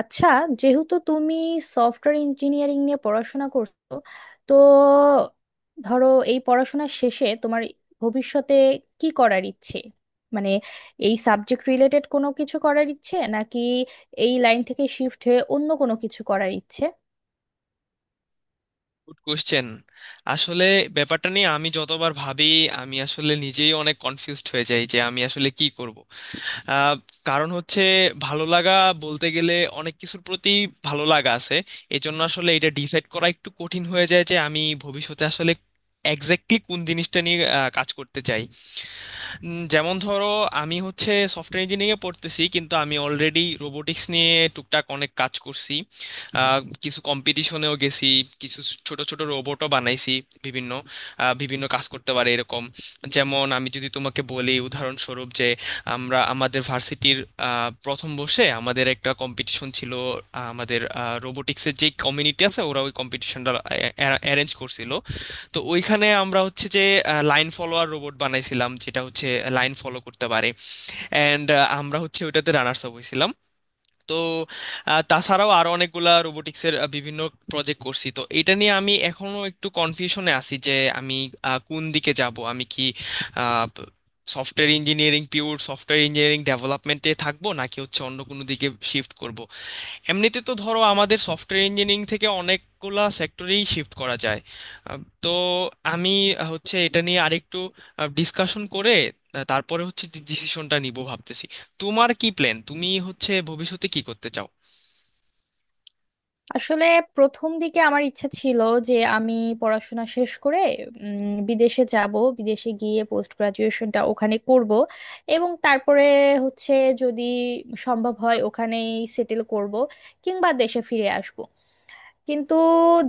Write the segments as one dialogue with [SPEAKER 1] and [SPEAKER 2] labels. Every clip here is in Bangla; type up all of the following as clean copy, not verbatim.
[SPEAKER 1] আচ্ছা, যেহেতু তুমি সফটওয়্যার ইঞ্জিনিয়ারিং নিয়ে পড়াশোনা করছো, তো ধরো, এই পড়াশোনা শেষে তোমার ভবিষ্যতে কি করার ইচ্ছে, মানে এই সাবজেক্ট রিলেটেড কোনো কিছু করার ইচ্ছে নাকি এই লাইন থেকে শিফট হয়ে অন্য কোনো কিছু করার ইচ্ছে?
[SPEAKER 2] Good question. আসলে ব্যাপারটা নিয়ে আমি যতবার ভাবি, আমি আসলে নিজেই অনেক কনফিউজড হয়ে যাই যে আমি আসলে কি করব। আহ, কারণ হচ্ছে ভালো লাগা, বলতে গেলে অনেক কিছুর প্রতি ভালো লাগা আছে। এই জন্য আসলে এটা ডিসাইড করা একটু কঠিন হয়ে যায় যে আমি ভবিষ্যতে আসলে এক্স্যাক্টলি কোন জিনিসটা নিয়ে কাজ করতে চাই। যেমন ধরো, আমি হচ্ছে সফটওয়্যার ইঞ্জিনিয়ারিং এ পড়তেছি, কিন্তু আমি অলরেডি রোবোটিক্স নিয়ে টুকটাক অনেক কাজ করছি। আহ, কিছু কম্পিটিশনেও গেছি, কিছু ছোট ছোট রোবটও বানাইছি, বিভিন্ন বিভিন্ন কাজ করতে পারে এরকম। যেমন আমি যদি তোমাকে বলি উদাহরণস্বরূপ যে আমরা আমাদের ভার্সিটির প্রথম বর্ষে আমাদের একটা কম্পিটিশন ছিল। আমাদের রোবোটিক্সের যে কমিউনিটি আছে, ওরা ওই কম্পিটিশনটা অ্যারেঞ্জ করছিল। তো ওইখানে আমরা হচ্ছে যে লাইন ফলোয়ার রোবট বানাইছিলাম, যেটা হচ্ছে লাইন ফলো করতে পারে। অ্যান্ড আমরা হচ্ছে ওইটাতে রানার্স আপ হয়েছিলাম। তো তাছাড়াও আরো অনেকগুলা রোবোটিক্সের বিভিন্ন প্রজেক্ট করছি। তো এটা নিয়ে আমি এখনো একটু কনফিউশনে আছি যে আমি কোন দিকে যাব, আমি কি software engineering, pure software engineering ডেভেলপমেন্টে থাকবো, নাকি হচ্ছে অন্য কোনো দিকে শিফট করব। এমনিতে তো ধরো আমাদের সফটওয়্যার ইঞ্জিনিয়ারিং থেকে অনেকগুলা সেক্টরেই শিফট করা যায়। তো আমি হচ্ছে এটা নিয়ে আরেকটু ডিসকাশন করে তারপরে হচ্ছে ডিসিশনটা নিব ভাবতেছি। তোমার কি প্ল্যান, তুমি হচ্ছে ভবিষ্যতে কি করতে চাও?
[SPEAKER 1] আসলে প্রথম দিকে আমার ইচ্ছা ছিল যে আমি পড়াশোনা শেষ করে বিদেশে যাব, বিদেশে গিয়ে পোস্ট গ্রাজুয়েশনটা ওখানে করব এবং তারপরে হচ্ছে যদি সম্ভব হয় ওখানেই সেটেল করব কিংবা দেশে ফিরে আসব। কিন্তু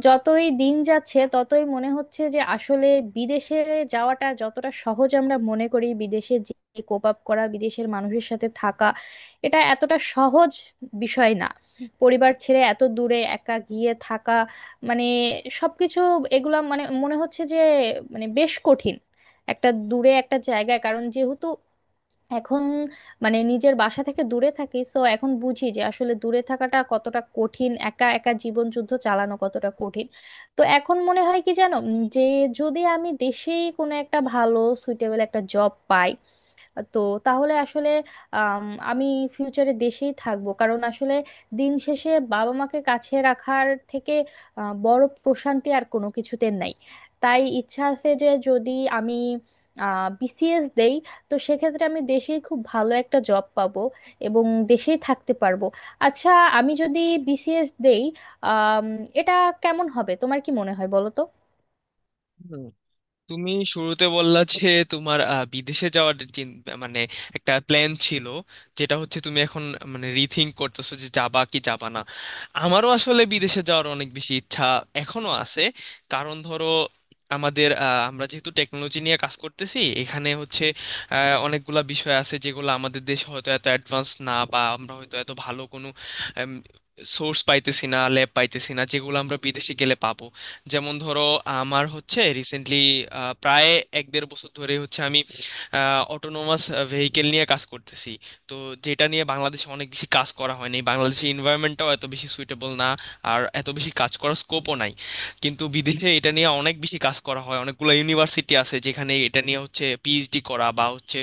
[SPEAKER 1] যতই দিন যাচ্ছে ততই মনে হচ্ছে যে আসলে বিদেশে যাওয়াটা যতটা সহজ আমরা মনে করি, বিদেশে যে কোপ আপ করা, বিদেশের মানুষের সাথে থাকা, এটা এতটা সহজ বিষয় না। পরিবার ছেড়ে এত দূরে একা গিয়ে থাকা, মানে সবকিছু, এগুলা মানে মনে হচ্ছে যে মানে বেশ কঠিন একটা দূরে একটা জায়গায়। কারণ যেহেতু এখন মানে নিজের বাসা থেকে দূরে থাকি, তো এখন বুঝি যে আসলে দূরে থাকাটা কতটা কঠিন, একা একা জীবন যুদ্ধ চালানো কতটা কঠিন। তো এখন মনে হয় কি জানো, যে যদি আমি দেশেই কোনো একটা ভালো সুইটেবল একটা জব পাই, তো তাহলে আসলে আম, আমি ফিউচারে দেশেই থাকবো। কারণ আসলে দিন শেষে বাবা মাকে কাছে রাখার থেকে বড় প্রশান্তি আর কোনো কিছুতে নাই। তাই ইচ্ছা আছে যে যদি আমি বিসিএস দেই, তো সেক্ষেত্রে আমি দেশেই খুব ভালো একটা জব পাবো এবং দেশেই থাকতে পারবো। আচ্ছা, আমি যদি বিসিএস দেই, আম, এটা কেমন হবে তোমার কি মনে হয় বলো তো?
[SPEAKER 2] তুমি শুরুতে বললা যে তোমার বিদেশে যাওয়ার মানে একটা প্ল্যান ছিল, যেটা হচ্ছে তুমি এখন মানে রিথিঙ্ক করতেছো যে যাবা কি যাবা না। আমারও আসলে বিদেশে যাওয়ার অনেক বেশি ইচ্ছা এখনো আছে। কারণ ধরো, আমাদের আমরা যেহেতু টেকনোলজি নিয়ে কাজ করতেছি, এখানে হচ্ছে আহ, অনেকগুলা বিষয় আছে যেগুলো আমাদের দেশে হয়তো এত অ্যাডভান্স না, বা আমরা হয়তো এত ভালো কোনো সোর্স পাইতেছি না, ল্যাব পাইতেছি না, যেগুলো আমরা বিদেশে গেলে পাবো। যেমন ধরো, আমার হচ্ছে রিসেন্টলি প্রায় এক দেড় বছর ধরে হচ্ছে আমি অটোনোমাস ভেহিকেল নিয়ে কাজ করতেছি, তো যেটা নিয়ে বাংলাদেশে অনেক বেশি কাজ করা হয়নি, বাংলাদেশের এনভায়রনমেন্টটাও এত বেশি সুইটেবল না, আর এত বেশি কাজ করার স্কোপও নাই। কিন্তু বিদেশে এটা নিয়ে অনেক বেশি কাজ করা হয়, অনেকগুলো ইউনিভার্সিটি আছে যেখানে এটা নিয়ে হচ্ছে পিএইচডি করা বা হচ্ছে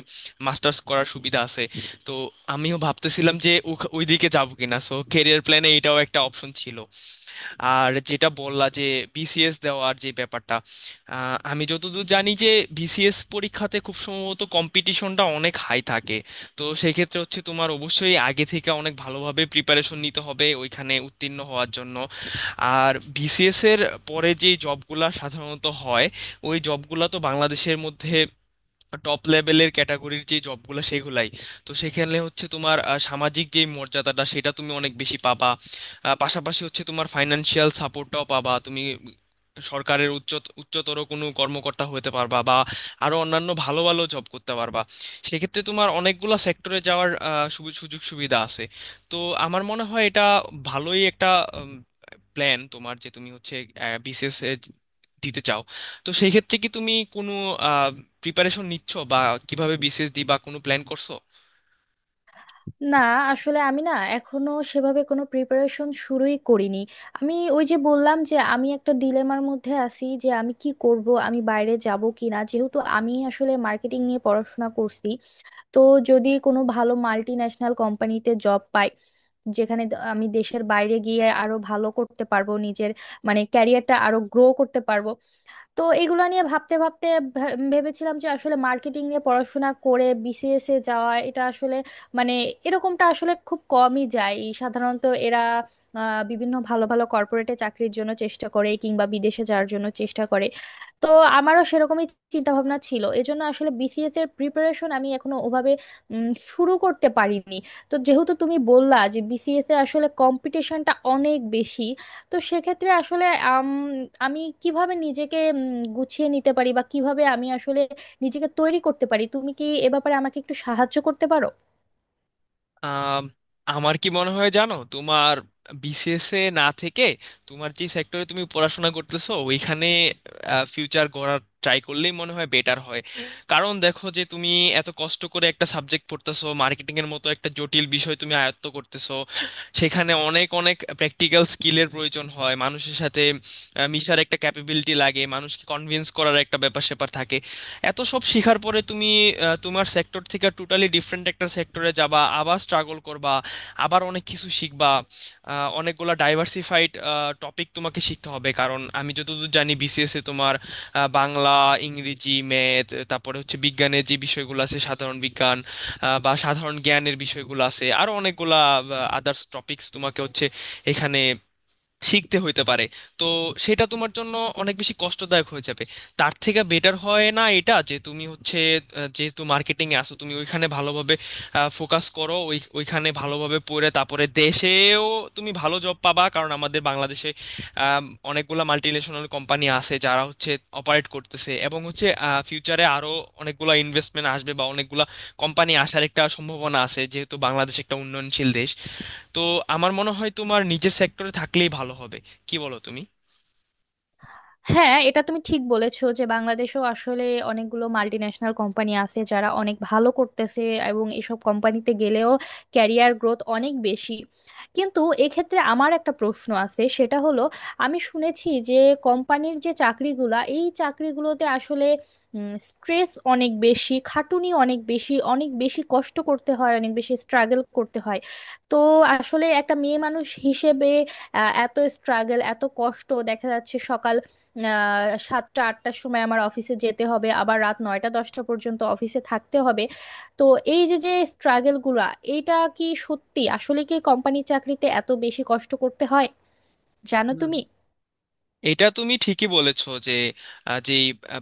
[SPEAKER 2] মাস্টার্স করার সুবিধা আছে। তো আমিও ভাবতেছিলাম যে ওইদিকে যাবো কিনা, সো ক্যারিয়ার প্ল্যানে এটাও একটা অপশন ছিল। আর যেটা বললা যে বিসিএস দেওয়ার যে ব্যাপারটা, আমি যতদূর জানি যে বিসিএস পরীক্ষাতে খুব সম্ভবত কম্পিটিশনটা অনেক হাই থাকে। তো সেক্ষেত্রে হচ্ছে তোমার অবশ্যই আগে থেকে অনেক ভালোভাবে প্রিপারেশন নিতে হবে ওইখানে উত্তীর্ণ হওয়ার জন্য। আর বিসিএস এর পরে যে জবগুলা সাধারণত হয়, ওই জবগুলা তো বাংলাদেশের মধ্যে টপ লেভেলের ক্যাটাগরির যে জবগুলো সেগুলাই। তো সেখানে হচ্ছে তোমার সামাজিক যে মর্যাদাটা সেটা তুমি অনেক বেশি পাবা, পাশাপাশি হচ্ছে তোমার ফাইনান্সিয়াল সাপোর্টটাও পাবা তুমি। সরকারের উচ্চ উচ্চতর কোনো কর্মকর্তা হতে পারবা, বা আরো অন্যান্য ভালো ভালো জব করতে পারবা। সেক্ষেত্রে তোমার অনেকগুলো সেক্টরে যাওয়ার সুযোগ সুবিধা আছে। তো আমার মনে হয় এটা ভালোই একটা প্ল্যান তোমার, যে তুমি হচ্ছে বিসিএস দিতে চাও। তো সেই ক্ষেত্রে কি তুমি কোনো প্রিপারেশন নিচ্ছ, বা কিভাবে বিসিএস দিবা কোনো প্ল্যান করছো?
[SPEAKER 1] না, আসলে আমি না এখনো সেভাবে কোনো প্রিপারেশন শুরুই করিনি। আমি ওই যে বললাম যে আমি একটা ডিলেমার মধ্যে আছি যে আমি কি করব, আমি বাইরে যাব কিনা, যেহেতু আমি আসলে মার্কেটিং নিয়ে পড়াশোনা করছি। তো যদি কোনো ভালো মাল্টি ন্যাশনাল কোম্পানিতে জব পাই, যেখানে আমি দেশের বাইরে গিয়ে আরো ভালো করতে পারবো, নিজের মানে ক্যারিয়ারটা আরো গ্রো করতে পারবো। তো এগুলো নিয়ে ভাবতে ভাবতে ভেবেছিলাম যে আসলে মার্কেটিং নিয়ে পড়াশোনা করে বিসিএস এ যাওয়া, এটা আসলে মানে এরকমটা আসলে খুব কমই যায়। সাধারণত এরা বিভিন্ন ভালো ভালো কর্পোরেটে চাকরির জন্য চেষ্টা করে কিংবা বিদেশে যাওয়ার জন্য চেষ্টা করে। তো আমারও সেরকমই চিন্তা ভাবনা ছিল, এজন্য আসলে বিসিএস এর প্রিপারেশন আমি এখনো ওভাবে শুরু করতে পারিনি। তো যেহেতু তুমি বললা যে বিসিএস এ আসলে কম্পিটিশনটা অনেক বেশি, তো সেক্ষেত্রে আসলে আমি কিভাবে নিজেকে গুছিয়ে নিতে পারি বা কিভাবে আমি আসলে নিজেকে তৈরি করতে পারি, তুমি কি এ ব্যাপারে আমাকে একটু সাহায্য করতে পারো?
[SPEAKER 2] আম, আমার কি মনে হয় জানো, তোমার বিসিএস এ না থেকে তোমার যে সেক্টরে তুমি পড়াশোনা করতেছো ওইখানে ফিউচার গড়ার ট্রাই করলেই মনে হয় বেটার হয়। কারণ দেখো যে তুমি এত কষ্ট করে একটা সাবজেক্ট পড়তেছো, মার্কেটিং এর মতো একটা জটিল বিষয় তুমি আয়ত্ত করতেছো, সেখানে অনেক অনেক প্র্যাকটিক্যাল স্কিলের প্রয়োজন হয়। মানুষের সাথে মিশার একটা ক্যাপাবিলিটি লাগে, মানুষকে কনভিন্স করার একটা ব্যাপার স্যাপার থাকে। এত সব শিখার পরে তুমি তোমার সেক্টর থেকে টোটালি ডিফারেন্ট একটা সেক্টরে যাবা, আবার স্ট্রাগল করবা, আবার অনেক কিছু শিখবা। অনেকগুলা ডাইভার্সিফাইড টপিক তোমাকে শিখতে হবে, কারণ আমি যতদূর জানি বিসিএস এ তোমার বাংলা, ইংরেজি, ম্যাথ, তারপরে হচ্ছে বিজ্ঞানের যে বিষয়গুলো আছে সাধারণ বিজ্ঞান, বা সাধারণ জ্ঞানের বিষয়গুলো আছে, আরো অনেকগুলা আদার্স টপিকস তোমাকে হচ্ছে এখানে শিখতে হইতে পারে। তো সেটা তোমার জন্য অনেক বেশি কষ্টদায়ক হয়ে যাবে। তার থেকে বেটার হয় না এটা যে তুমি হচ্ছে যেহেতু মার্কেটিং এ আসো তুমি ওইখানে ভালোভাবে ফোকাস করো, ওইখানে ভালোভাবে পড়ে তারপরে দেশেও তুমি ভালো জব পাবা। কারণ আমাদের বাংলাদেশে আম, অনেকগুলা মাল্টিন্যাশনাল কোম্পানি আছে যারা হচ্ছে অপারেট করতেছে, এবং হচ্ছে ফিউচারে আরো অনেকগুলা ইনভেস্টমেন্ট আসবে বা অনেকগুলা কোম্পানি আসার একটা সম্ভাবনা আছে, যেহেতু বাংলাদেশ একটা উন্নয়নশীল দেশ। তো আমার মনে হয় তোমার নিজের সেক্টরে থাকলেই ভালো হবে। কি বলো তুমি?
[SPEAKER 1] হ্যাঁ, এটা তুমি ঠিক বলেছো যে বাংলাদেশেও আসলে অনেকগুলো মাল্টি ন্যাশনাল কোম্পানি আছে যারা অনেক ভালো করতেছে, এবং এসব কোম্পানিতে গেলেও ক্যারিয়ার গ্রোথ অনেক বেশি। কিন্তু এক্ষেত্রে আমার একটা প্রশ্ন আছে, সেটা হলো আমি শুনেছি যে কোম্পানির যে চাকরিগুলা, এই চাকরিগুলোতে আসলে স্ট্রেস অনেক বেশি, খাটুনি অনেক বেশি, অনেক বেশি কষ্ট করতে হয়, অনেক বেশি স্ট্রাগল করতে হয়। তো আসলে একটা মেয়ে মানুষ হিসেবে এত স্ট্রাগল, এত কষ্ট, দেখা যাচ্ছে সকাল 7টা 8টার সময় আমার অফিসে যেতে হবে, আবার রাত 9টা 10টা পর্যন্ত অফিসে থাকতে হবে। তো এই যে যে স্ট্রাগেলগুলো, এইটা কি সত্যি? আসলে কি কোম্পানির চাকরিতে এত বেশি কষ্ট করতে হয়, জানো
[SPEAKER 2] হুম।
[SPEAKER 1] তুমি?
[SPEAKER 2] এটা তুমি ঠিকই বলেছো যে আহ, যে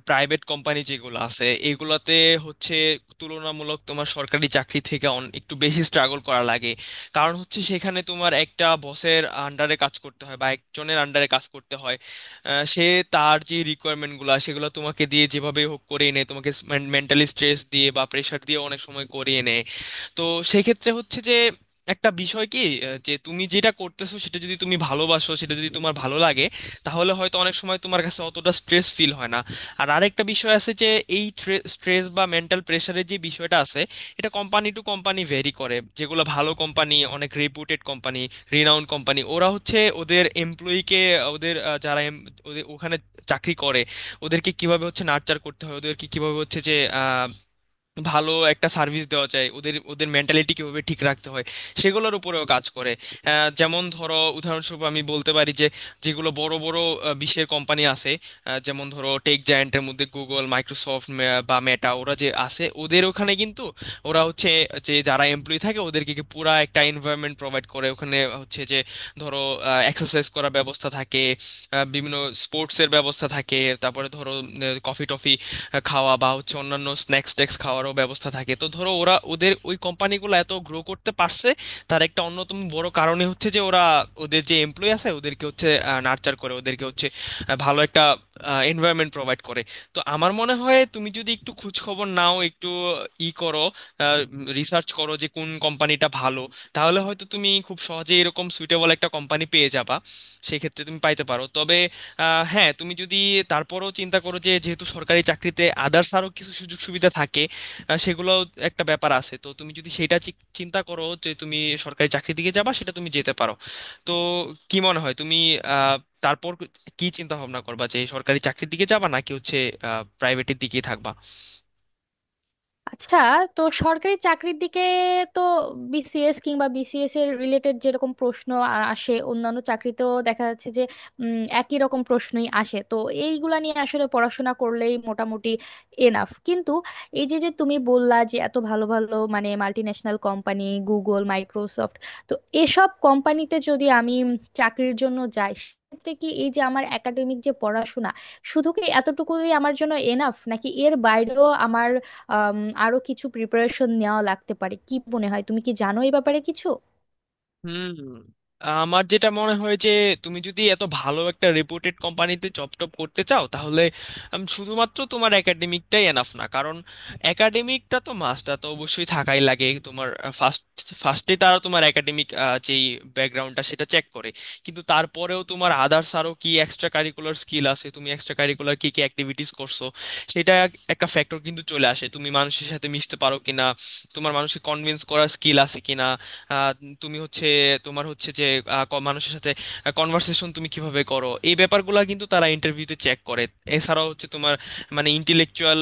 [SPEAKER 2] প্রাইভেট কোম্পানি যেগুলো আছে এগুলাতে হচ্ছে তুলনামূলক তোমার সরকারি চাকরি থেকে অন একটু বেশি স্ট্রাগল করা লাগে। কারণ হচ্ছে সেখানে তোমার একটা বসের আন্ডারে কাজ করতে হয়, বা একজনের আন্ডারে কাজ করতে হয়। সে, তার যে রিকোয়ারমেন্টগুলো সেগুলো তোমাকে দিয়ে যেভাবে হোক করিয়ে নেয়, তোমাকে মেন্টালি স্ট্রেস দিয়ে বা প্রেশার দিয়ে অনেক সময় করিয়ে নেয়। তো সেক্ষেত্রে হচ্ছে যে একটা বিষয় কি, যে তুমি যেটা করতেছো সেটা যদি তুমি ভালোবাসো, সেটা যদি তোমার ভালো লাগে, তাহলে হয়তো অনেক সময় তোমার কাছে অতটা স্ট্রেস ফিল হয় না। আর আরেকটা বিষয় আছে যে এই স্ট্রেস বা মেন্টাল প্রেশারের যে বিষয়টা আছে, এটা কোম্পানি টু কোম্পানি ভেরি করে। যেগুলো ভালো কোম্পানি, অনেক রেপুটেড কোম্পানি, রিনাউন্ড কোম্পানি, ওরা হচ্ছে ওদের এমপ্লয়িকে, ওদের ওদের ওখানে চাকরি করে, ওদেরকে কিভাবে হচ্ছে নার্চার করতে হয়, ওদেরকে কিভাবে হচ্ছে যে ভালো একটা সার্ভিস দেওয়া যায়, ওদের ওদের মেন্টালিটি কিভাবে ঠিক রাখতে হয়, সেগুলোর উপরেও কাজ করে। যেমন ধরো উদাহরণস্বরূপ আমি বলতে পারি যে যেগুলো বড় বড় বিশ্বের কোম্পানি আছে, যেমন ধরো টেক জায়ান্টের মধ্যে গুগল, মাইক্রোসফট বা মেটা, ওরা যে আছে ওদের ওখানে কিন্তু ওরা হচ্ছে যে যারা এমপ্লয়ি থাকে ওদেরকে কি পুরা একটা এনভায়রনমেন্ট প্রোভাইড করে। ওখানে হচ্ছে যে ধরো এক্সারসাইজ করার ব্যবস্থা থাকে, বিভিন্ন স্পোর্টসের ব্যবস্থা থাকে, তারপরে ধরো কফি টফি খাওয়া বা হচ্ছে অন্যান্য স্ন্যাক্স ট্যাক্স খাওয়ারও ব্যবস্থা থাকে। তো ধরো ওরা, ওদের ওই কোম্পানিগুলো এত গ্রো করতে পারছে, তার একটা অন্যতম বড় কারণে হচ্ছে যে ওরা ওদের যে এমপ্লয়ি আছে ওদেরকে হচ্ছে নার্চার করে, ওদেরকে হচ্ছে ভালো একটা এনভায়রনমেন্ট প্রোভাইড করে। তো আমার মনে হয় তুমি যদি একটু খোঁজ খবর নাও, একটু ই করো, রিসার্চ করো যে কোন কোম্পানিটা ভালো, তাহলে হয়তো তুমি খুব সহজে এরকম সুইটেবল একটা কোম্পানি পেয়ে যাবা। সেক্ষেত্রে তুমি পাইতে পারো। তবে আহ, হ্যাঁ, তুমি যদি তারপরও চিন্তা করো যে যেহেতু সরকারি চাকরিতে আদার্স আরও কিছু সুযোগ সুবিধা থাকে, সেগুলোও একটা ব্যাপার আছে, তো তুমি যদি সেটা চিন্তা করো যে তুমি সরকারি চাকরির দিকে যাবা, সেটা তুমি যেতে পারো। তো কি মনে হয় তুমি, আহ, তারপর কি চিন্তা ভাবনা করবা, যে সরকারি চাকরির দিকে যাবা নাকি হচ্ছে আহ, প্রাইভেটের দিকেই থাকবা?
[SPEAKER 1] আচ্ছা, তো সরকারি চাকরির দিকে, তো বিসিএস কিংবা বিসিএস এর রিলেটেড যেরকম প্রশ্ন আসে, অন্যান্য চাকরিতেও দেখা যাচ্ছে যে একই রকম প্রশ্নই আসে। তো এইগুলা নিয়ে আসলে পড়াশোনা করলেই মোটামুটি এনাফ। কিন্তু এই যে যে তুমি বললা যে এত ভালো ভালো মানে মাল্টিন্যাশনাল কোম্পানি, গুগল, মাইক্রোসফট, তো এসব কোম্পানিতে যদি আমি চাকরির জন্য যাই, সেক্ষেত্রে কি এই যে আমার একাডেমিক যে পড়াশোনা, শুধু কি এতটুকুই আমার জন্য এনাফ, নাকি এর বাইরেও আমার আম, আরো কিছু প্রিপারেশন নেওয়া লাগতে পারে, কি মনে হয়, তুমি কি জানো এই ব্যাপারে কিছু?
[SPEAKER 2] হুম। আমার যেটা মনে হয় যে তুমি যদি এত ভালো একটা রেপুটেড কোম্পানিতে জব টপ করতে চাও, তাহলে শুধুমাত্র তোমার একাডেমিকটাই এনাফ না। কারণ একাডেমিকটা তো মাস্টটা তো অবশ্যই থাকাই লাগে তোমার। ফার্স্ট ফার্স্টে তারা তোমার একাডেমিক যেই ব্যাকগ্রাউন্ডটা সেটা চেক করে, কিন্তু তারপরেও তোমার আদার্স আরও কি এক্সট্রা কারিকুলার স্কিল আছে, তুমি এক্সট্রা কারিকুলার কি কি অ্যাক্টিভিটিস করছো, সেটা একটা ফ্যাক্টর কিন্তু চলে আসে। তুমি মানুষের সাথে মিশতে পারো কিনা, তোমার মানুষকে কনভিন্স করার স্কিল আছে কিনা, আহ, তুমি হচ্ছে তোমার হচ্ছে যে মানুষের সাথে কনভার্সেশন তুমি কিভাবে করো, এই ব্যাপারগুলো কিন্তু তারা ইন্টারভিউতে চেক করে। এছাড়াও হচ্ছে তোমার মানে ইন্টেলেকচুয়াল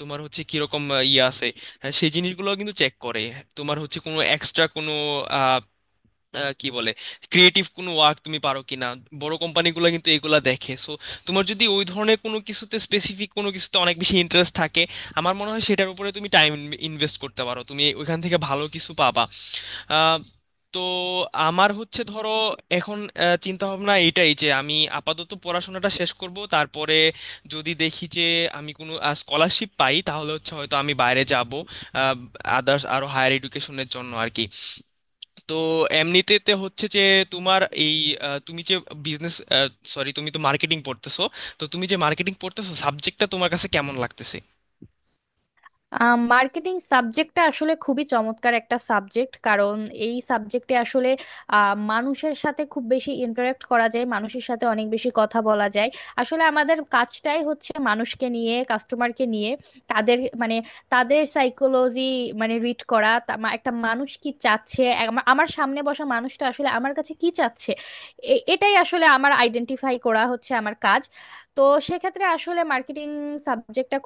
[SPEAKER 2] তোমার হচ্ছে কিরকম ইয়ে আছে, হ্যাঁ, সেই জিনিসগুলো কিন্তু চেক করে। তোমার হচ্ছে কোনো এক্সট্রা কোনো আহ, আহ, কি বলে ক্রিয়েটিভ কোনো ওয়ার্ক তুমি পারো কিনা, বড় কোম্পানিগুলো কিন্তু এগুলা দেখে। সো তোমার যদি ওই ধরনের কোনো কিছুতে, স্পেসিফিক কোনো কিছুতে অনেক বেশি ইন্টারেস্ট থাকে, আমার মনে হয় সেটার উপরে তুমি টাইম ইনভেস্ট করতে পারো, তুমি ওইখান থেকে ভালো কিছু পাবা। আহ, তো আমার হচ্ছে ধরো এখন চিন্তা ভাবনা এটাই যে আমি আপাতত পড়াশোনাটা শেষ করব, তারপরে যদি দেখি যে আমি কোনো স্কলারশিপ পাই, তাহলে হচ্ছে হয়তো আমি বাইরে যাব আদার্স আরো হায়ার এডুকেশনের জন্য আর কি। তো এমনিতেতে হচ্ছে যে তোমার এই তুমি যে বিজনেস সরি তুমি তো মার্কেটিং পড়তেছো, তো তুমি যে মার্কেটিং পড়তেছো সাবজেক্টটা তোমার কাছে কেমন লাগতেছে?
[SPEAKER 1] মার্কেটিং সাবজেক্টটা আসলে খুবই চমৎকার একটা সাবজেক্ট, কারণ এই সাবজেক্টে আসলে মানুষের সাথে খুব বেশি ইন্টারাক্ট করা যায়, মানুষের সাথে অনেক বেশি কথা বলা যায়। আসলে আমাদের কাজটাই হচ্ছে মানুষকে নিয়ে, কাস্টমারকে নিয়ে, তাদের মানে তাদের সাইকোলজি মানে রিড করা, একটা মানুষ কি চাচ্ছে, আমার সামনে বসা মানুষটা আসলে আমার কাছে কি চাচ্ছে, এটাই আসলে আমার আইডেন্টিফাই করা হচ্ছে আমার কাজ। তো সেক্ষেত্রে আসলে মার্কেটিং সাবজেক্টটা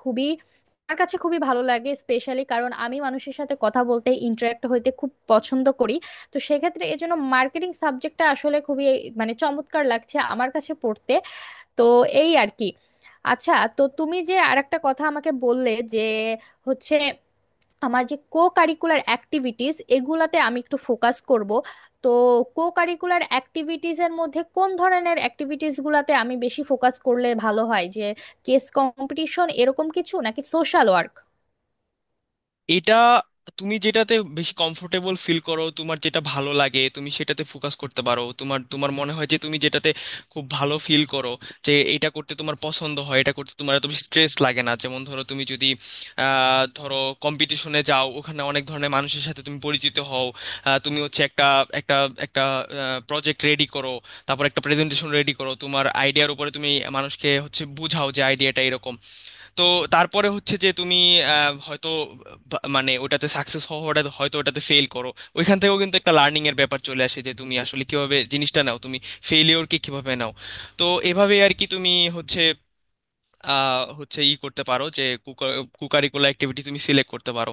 [SPEAKER 1] আমার কাছে খুবই ভালো লাগে, স্পেশালি কারণ আমি মানুষের সাথে কথা বলতে, ইন্টারাক্ট হইতে খুব পছন্দ করি। তো সেক্ষেত্রে এই জন্য মার্কেটিং সাবজেক্টটা আসলে খুবই মানে চমৎকার লাগছে আমার কাছে পড়তে। তো এই আর কি। আচ্ছা, তো তুমি যে আরেকটা কথা আমাকে বললে যে হচ্ছে আমার যে কো কারিকুলার অ্যাক্টিভিটিস, এগুলাতে আমি একটু ফোকাস করব, তো কো কারিকুলার অ্যাক্টিভিটিস এর মধ্যে কোন ধরনের অ্যাক্টিভিটিস গুলাতে আমি বেশি ফোকাস করলে ভালো হয়, যে কেস কম্পিটিশন এরকম কিছু নাকি সোশ্যাল ওয়ার্ক?
[SPEAKER 2] এটা তুমি যেটাতে বেশি কমফোর্টেবল ফিল করো, তোমার যেটা ভালো লাগে তুমি সেটাতে ফোকাস করতে পারো। তোমার তোমার মনে হয় যে তুমি যেটাতে খুব ভালো ফিল করো, যে এটা করতে তোমার পছন্দ হয়, এটা করতে তোমার এত বেশি স্ট্রেস লাগে না। যেমন ধরো তুমি যদি ধরো কম্পিটিশনে যাও, ওখানে অনেক ধরনের মানুষের সাথে তুমি পরিচিত হও, তুমি হচ্ছে একটা একটা একটা প্রজেক্ট রেডি করো, তারপর একটা প্রেজেন্টেশন রেডি করো তোমার আইডিয়ার উপরে, তুমি মানুষকে হচ্ছে বোঝাও যে আইডিয়াটা এরকম। তো তারপরে হচ্ছে যে তুমি হয়তো মানে ওটাতে সাকসেস হওয়াটা, হয়তো ওটাতে ফেল করো, ওইখান থেকেও কিন্তু একটা লার্নিং এর ব্যাপার চলে আসে, যে তুমি আসলে কিভাবে জিনিসটা নাও, তুমি ফেলিওরকে কিভাবে নাও। তো এভাবে আর কি তুমি হচ্ছে হচ্ছে ই করতে পারো, যে কুকারিকুলার অ্যাক্টিভিটি তুমি সিলেক্ট করতে পারো।